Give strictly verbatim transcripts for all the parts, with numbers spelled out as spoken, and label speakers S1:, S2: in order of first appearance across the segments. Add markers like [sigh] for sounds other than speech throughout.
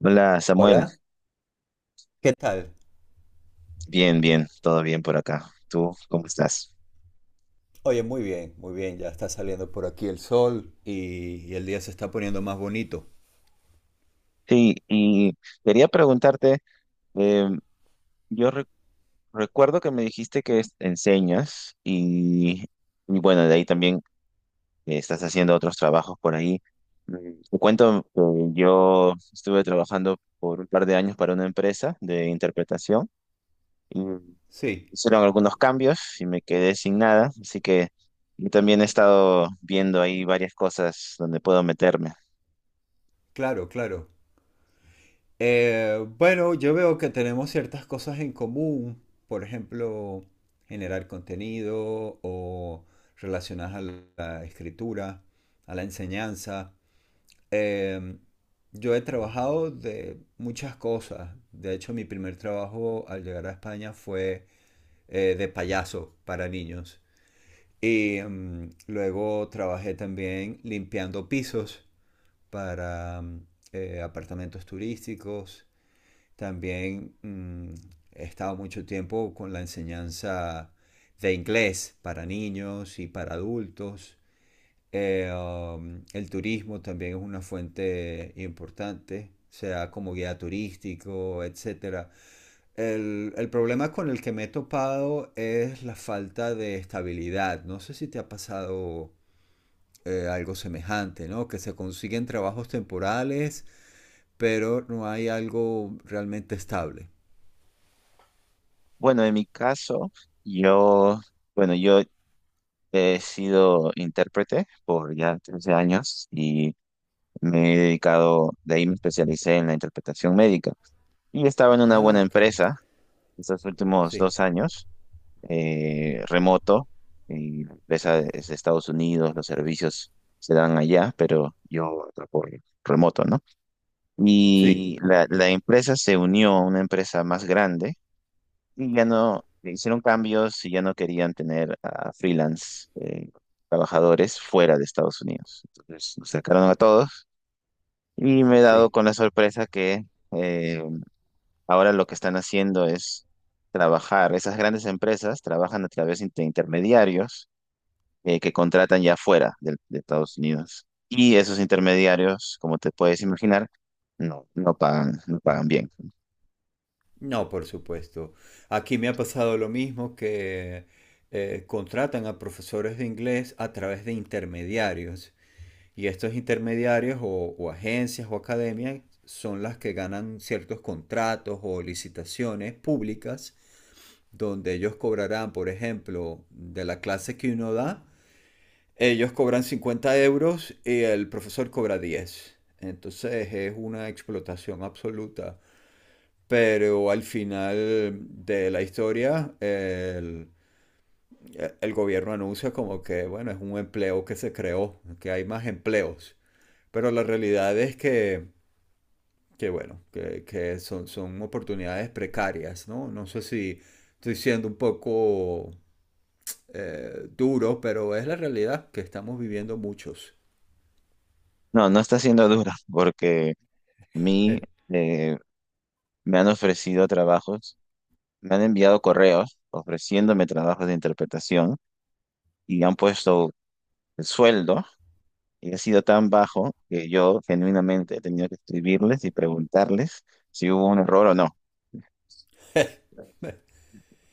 S1: Hola Samuel,
S2: Hola, ¿qué tal?
S1: bien, bien, todo bien por acá. ¿Tú cómo estás?
S2: Oye, muy bien, muy bien, ya está saliendo por aquí el sol y, y el día se está poniendo más bonito.
S1: Sí, y quería preguntarte, eh, yo re- recuerdo que me dijiste que es- enseñas y, y bueno, de ahí también eh, estás haciendo otros trabajos por ahí. Mm, Te cuento que yo estuve trabajando por un par de años para una empresa de interpretación y
S2: Sí,
S1: hicieron algunos cambios y me quedé sin nada, así que yo también he estado viendo ahí varias cosas donde puedo meterme.
S2: claro, claro. Eh, bueno, yo veo que tenemos ciertas cosas en común, por ejemplo, generar contenido o relacionadas a la la escritura, a la enseñanza. Em, yo he trabajado de muchas cosas. De hecho, mi primer trabajo al llegar a España fue eh, de payaso para niños. Y mm, luego trabajé también limpiando pisos para mm, eh, apartamentos turísticos. También mm, he estado mucho tiempo con la enseñanza de inglés para niños y para adultos. Eh, um, el turismo también es una fuente importante, sea como guía turístico, etcétera. El, el problema con el que me he topado es la falta de estabilidad. No sé si te ha pasado eh, algo semejante, ¿no? Que se consiguen trabajos temporales, pero no hay algo realmente estable.
S1: Bueno, en mi caso, yo, bueno, yo he sido intérprete por ya trece años y me he dedicado, de ahí me especialicé en la interpretación médica. Y estaba en una buena
S2: Ah, qué bien.
S1: empresa estos últimos
S2: Sí,
S1: dos años, eh, remoto, y la empresa es de Estados Unidos, los servicios se dan allá, pero yo trabajo remoto, ¿no?
S2: sí,
S1: Y la, la empresa se unió a una empresa más grande. Y ya no, le hicieron cambios y ya no querían tener a freelance, eh, trabajadores fuera de Estados Unidos. Entonces nos sacaron a todos y me he dado
S2: sí.
S1: con la sorpresa que eh, ahora lo que están haciendo es trabajar. Esas grandes empresas trabajan a través de intermediarios, eh, que contratan ya fuera del- de Estados Unidos. Y esos intermediarios, como te puedes imaginar, no, no pagan, no pagan bien.
S2: No, por supuesto. Aquí me ha pasado lo mismo que eh, contratan a profesores de inglés a través de intermediarios. Y estos intermediarios o, o agencias o academias son las que ganan ciertos contratos o licitaciones públicas donde ellos cobrarán, por ejemplo, de la clase que uno da, ellos cobran cincuenta euros y el profesor cobra diez. Entonces es una explotación absoluta. Pero al final de la historia, el, el gobierno anuncia como que, bueno, es un empleo que se creó, que hay más empleos. Pero la realidad es que, que bueno, que, que son, son oportunidades precarias, ¿no? No sé si estoy siendo un poco eh, duro, pero es la realidad que estamos viviendo muchos.
S1: No, no está siendo duro porque mi...
S2: [laughs]
S1: eh, me han ofrecido trabajos, me han enviado correos ofreciéndome trabajos de interpretación y han puesto el sueldo y ha sido tan bajo que yo genuinamente he tenido que escribirles y preguntarles si hubo un error o no.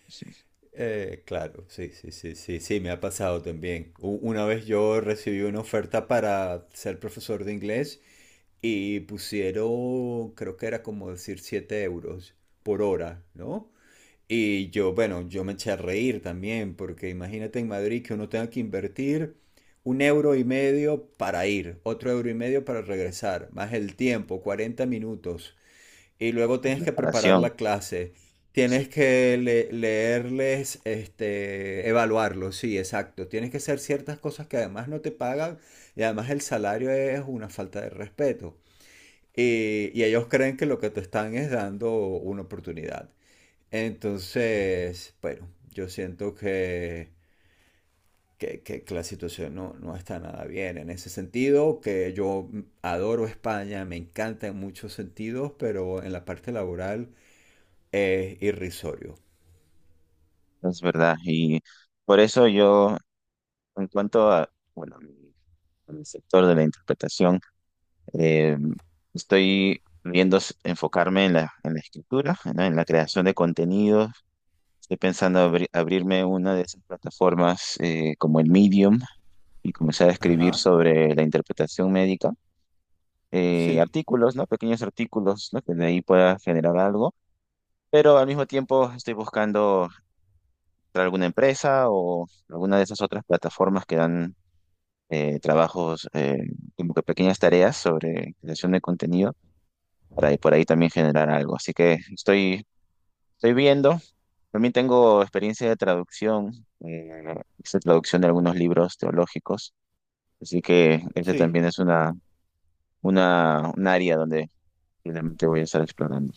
S1: Sí,
S2: Eh, claro, sí, sí, sí, sí, sí, me ha pasado también. U- Una vez yo recibí una oferta para ser profesor de inglés y pusieron, creo que era como decir siete euros por hora, ¿no? Y yo, bueno, yo me eché a reír también, porque imagínate en Madrid que uno tenga que invertir un euro y medio para ir, otro euro y medio para regresar, más el tiempo, cuarenta minutos. Y luego
S1: la
S2: tienes que preparar
S1: preparación,
S2: la clase.
S1: sí,
S2: Tienes que le- leerles, este, evaluarlos, sí, exacto. Tienes que hacer ciertas cosas que además no te pagan y además el salario es una falta de respeto. Y, y ellos creen que lo que te están es dando una oportunidad. Entonces, bueno, yo siento que, que, que- que la situación no, no está nada bien en ese sentido, que yo adoro España, me encanta en muchos sentidos, pero en la parte laboral es irrisorio.
S1: es verdad. Y por eso yo, en cuanto a, bueno, mi, a mi sector de la interpretación, eh, estoy viendo s- enfocarme en la, en la escritura, ¿no? En la creación de contenidos. Estoy pensando abri- abrirme una de esas plataformas, eh, como el Medium, y comenzar a escribir
S2: Ajá.
S1: sobre la interpretación médica, eh,
S2: Sí,
S1: artículos, ¿no? Pequeños artículos, ¿no? Que de ahí pueda generar algo, pero al mismo tiempo estoy buscando entrar a alguna empresa o alguna de esas otras plataformas que dan, eh, trabajos, eh, como que pequeñas tareas sobre creación de contenido para por ahí también generar algo. Así que estoy, estoy viendo. También tengo experiencia de traducción, eh, hice traducción de algunos libros teológicos, así que este
S2: sí.
S1: también es una, una, un área donde finalmente voy a estar explorando.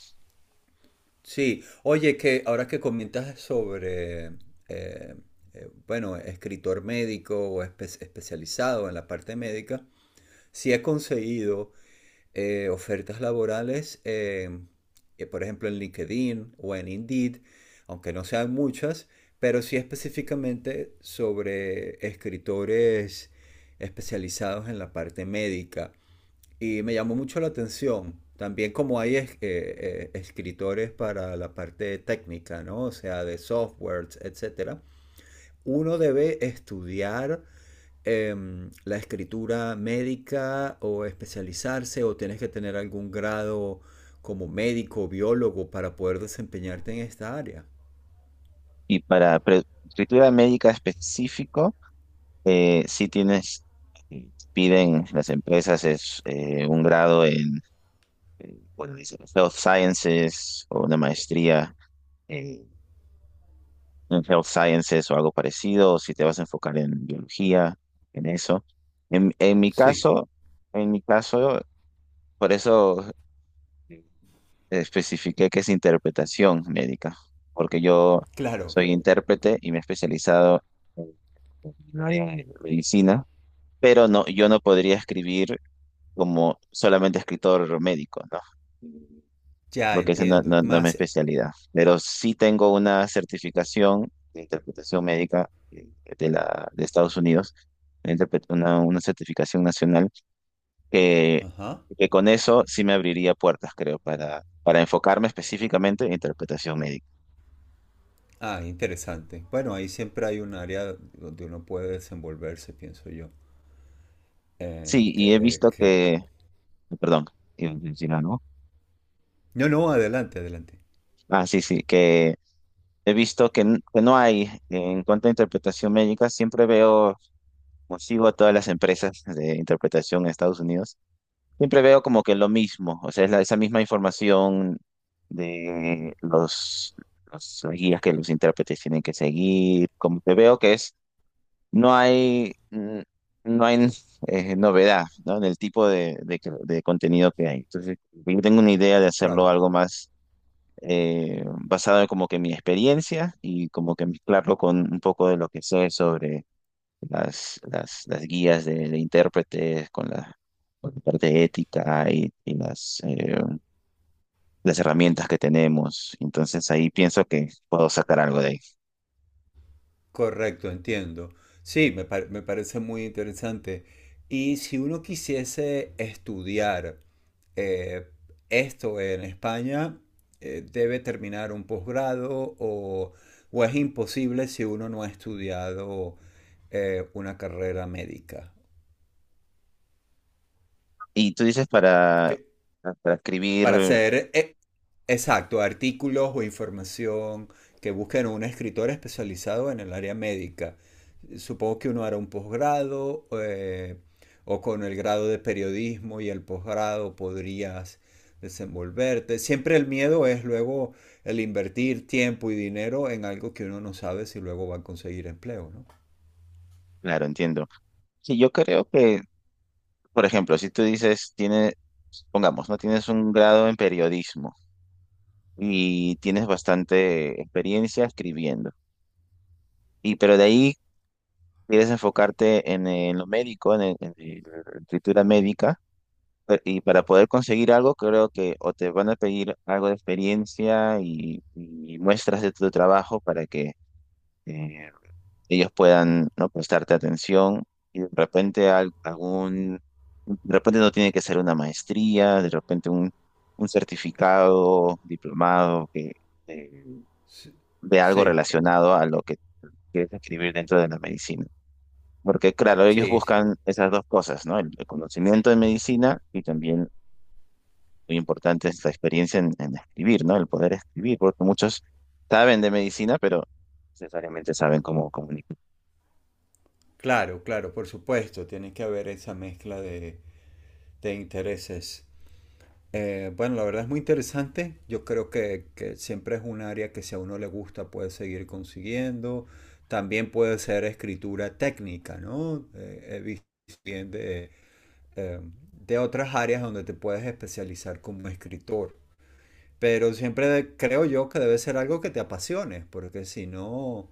S2: Sí, oye, que ahora que comentas sobre, eh, eh, bueno, escritor médico o espe- especializado en la parte médica, sí he conseguido eh, ofertas laborales, eh, eh, por ejemplo, en LinkedIn o en Indeed, aunque no sean muchas, pero sí específicamente sobre escritores especializados en la parte médica. Y me llamó mucho la atención. También como hay es- eh, eh, escritores para la parte técnica, ¿no? O sea, de softwares, etcétera. Uno debe estudiar em, la escritura médica o especializarse o tienes que tener algún grado como médico o biólogo para poder desempeñarte en esta área.
S1: Y para pre- escritura médica específico, eh, sí tienes, eh, piden las empresas es, eh, un grado en, eh, bueno, dice Health Sciences o una maestría, eh, en Health Sciences o algo parecido, o si te vas a enfocar en biología, en eso. En, en mi
S2: Sí,
S1: caso, en mi caso, por eso eh, especifiqué que es interpretación médica, porque yo
S2: claro,
S1: soy intérprete y me he especializado en en el área de medicina, pero no, yo no podría escribir como solamente escritor médico, ¿no?
S2: ya
S1: Porque esa no,
S2: entiendo.
S1: no,
S2: Es
S1: no es mi
S2: más,
S1: especialidad. Pero sí tengo una certificación de interpretación médica, eh, de la, de Estados Unidos, una, interpre- una una certificación nacional, que,
S2: ajá.
S1: que con eso sí me abriría puertas, creo, para, para enfocarme específicamente en interpretación médica.
S2: Ah, interesante. Bueno, ahí siempre hay un área donde uno puede desenvolverse, pienso yo. Eh,
S1: Sí,
S2: que,
S1: y he
S2: eh,
S1: visto
S2: que-
S1: que, perdón, iba a decir algo.
S2: No, no, adelante, adelante.
S1: Ah, sí, sí, que he visto que, n- que no hay, en cuanto a interpretación médica, siempre veo, consigo a todas las empresas de interpretación en Estados Unidos. Siempre veo como que lo mismo, o sea, es la- esa misma información de los, los las guías que los intérpretes tienen que seguir, como que veo que es, no hay, mm, no hay [laughs] eh, novedad, ¿no? En el tipo de, de, que- de contenido que hay. Entonces, yo tengo una idea de hacerlo
S2: Claro,
S1: algo más, eh, basado en como que mi experiencia y como que mezclarlo con un poco de lo que sé sobre las, las, las guías de, de intérpretes, con la, con la parte ética y, y las, eh, las herramientas que tenemos. Entonces ahí pienso que puedo sacar algo de ahí.
S2: correcto, entiendo. Sí, me, par- me parece muy interesante. Y si uno quisiese estudiar eh, esto en España, eh, ¿debe terminar un posgrado o, o es imposible si uno no ha estudiado eh, una carrera médica?
S1: Y tú dices para,
S2: ¿Qué,
S1: para
S2: para
S1: escribir,
S2: hacer, eh, exacto, artículos o información que busquen un escritor especializado en el área médica. Supongo que uno hará un posgrado eh, o con el grado de periodismo y el posgrado podrías desenvolverte. Siempre el miedo es luego el invertir tiempo y dinero en algo que uno no sabe si luego va a conseguir empleo, ¿no?
S1: claro, entiendo. Sí, yo creo que, por ejemplo, si tú dices, tiene, pongamos, ¿no? Tienes un grado en periodismo y tienes bastante experiencia escribiendo. Y pero de ahí quieres enfocarte en, eh, en lo médico, en, el- en el- en la escritura médica, eh, y para poder conseguir algo, creo que o te van a pedir algo de experiencia y, y muestras de tu trabajo para que eh, ellos puedan, ¿no?, prestarte atención. Y de repente al- algún, de repente no tiene que ser una maestría, de repente un, un certificado, diplomado que, eh,
S2: Sí,
S1: de algo
S2: sí,
S1: relacionado a lo que quieres escribir dentro de la medicina. Porque claro, ellos
S2: sí,
S1: buscan esas dos cosas, ¿no? El, el conocimiento de medicina y también muy importante esta experiencia en, en escribir, ¿no? El poder escribir, porque muchos saben de medicina, pero no necesariamente saben cómo comunicar.
S2: claro, claro, por supuesto, tiene que haber esa mezcla de, de intereses. Eh, bueno, la verdad es muy interesante. Yo creo que, que siempre es un área que si a uno le gusta puede seguir consiguiendo. También puede ser escritura técnica, ¿no? Eh, he visto bien de, eh, de otras áreas donde te puedes especializar como escritor. Pero siempre de- creo yo que debe ser algo que te apasione, porque si no,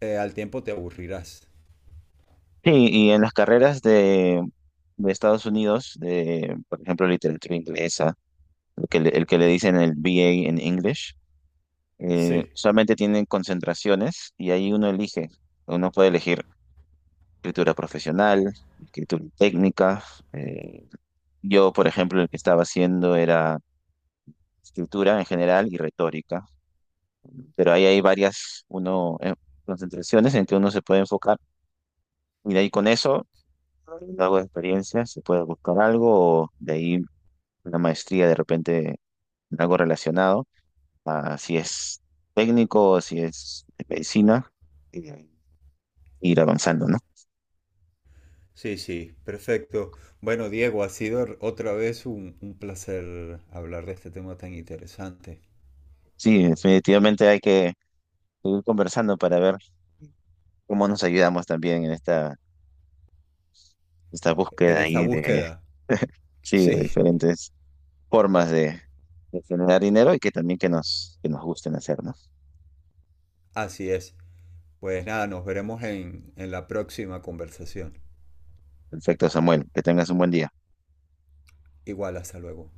S2: eh, al tiempo te aburrirás.
S1: Sí, y en las carreras de, de Estados Unidos, de, por ejemplo, literatura inglesa, el que le, el que le dicen el B A en English, eh,
S2: Sí,
S1: solamente tienen concentraciones y ahí uno elige, uno puede elegir escritura profesional, escritura técnica, eh, yo, por ejemplo, el que estaba haciendo era escritura en general y retórica. Pero ahí hay varias uno, eh, concentraciones en que uno se puede enfocar y de ahí con eso, algo de experiencia, se puede buscar algo o de ahí una maestría de repente en algo relacionado, a si es técnico o si es de medicina, y de ahí ir avanzando, ¿no?
S2: sí, sí, perfecto. Bueno, Diego, ha sido r- otra vez un, un placer hablar de este tema tan interesante.
S1: Sí, definitivamente hay que seguir conversando para ver cómo nos ayudamos también en esta, esta
S2: En
S1: búsqueda
S2: esta
S1: ahí de,
S2: búsqueda. [laughs]
S1: sí, de
S2: Sí,
S1: diferentes formas de, de generar dinero y que también que nos, que nos gusten hacer, ¿no?
S2: así es. Pues nada, nos veremos en, en la próxima conversación.
S1: Perfecto, Samuel. Que tengas un buen día.
S2: Igual, hasta luego.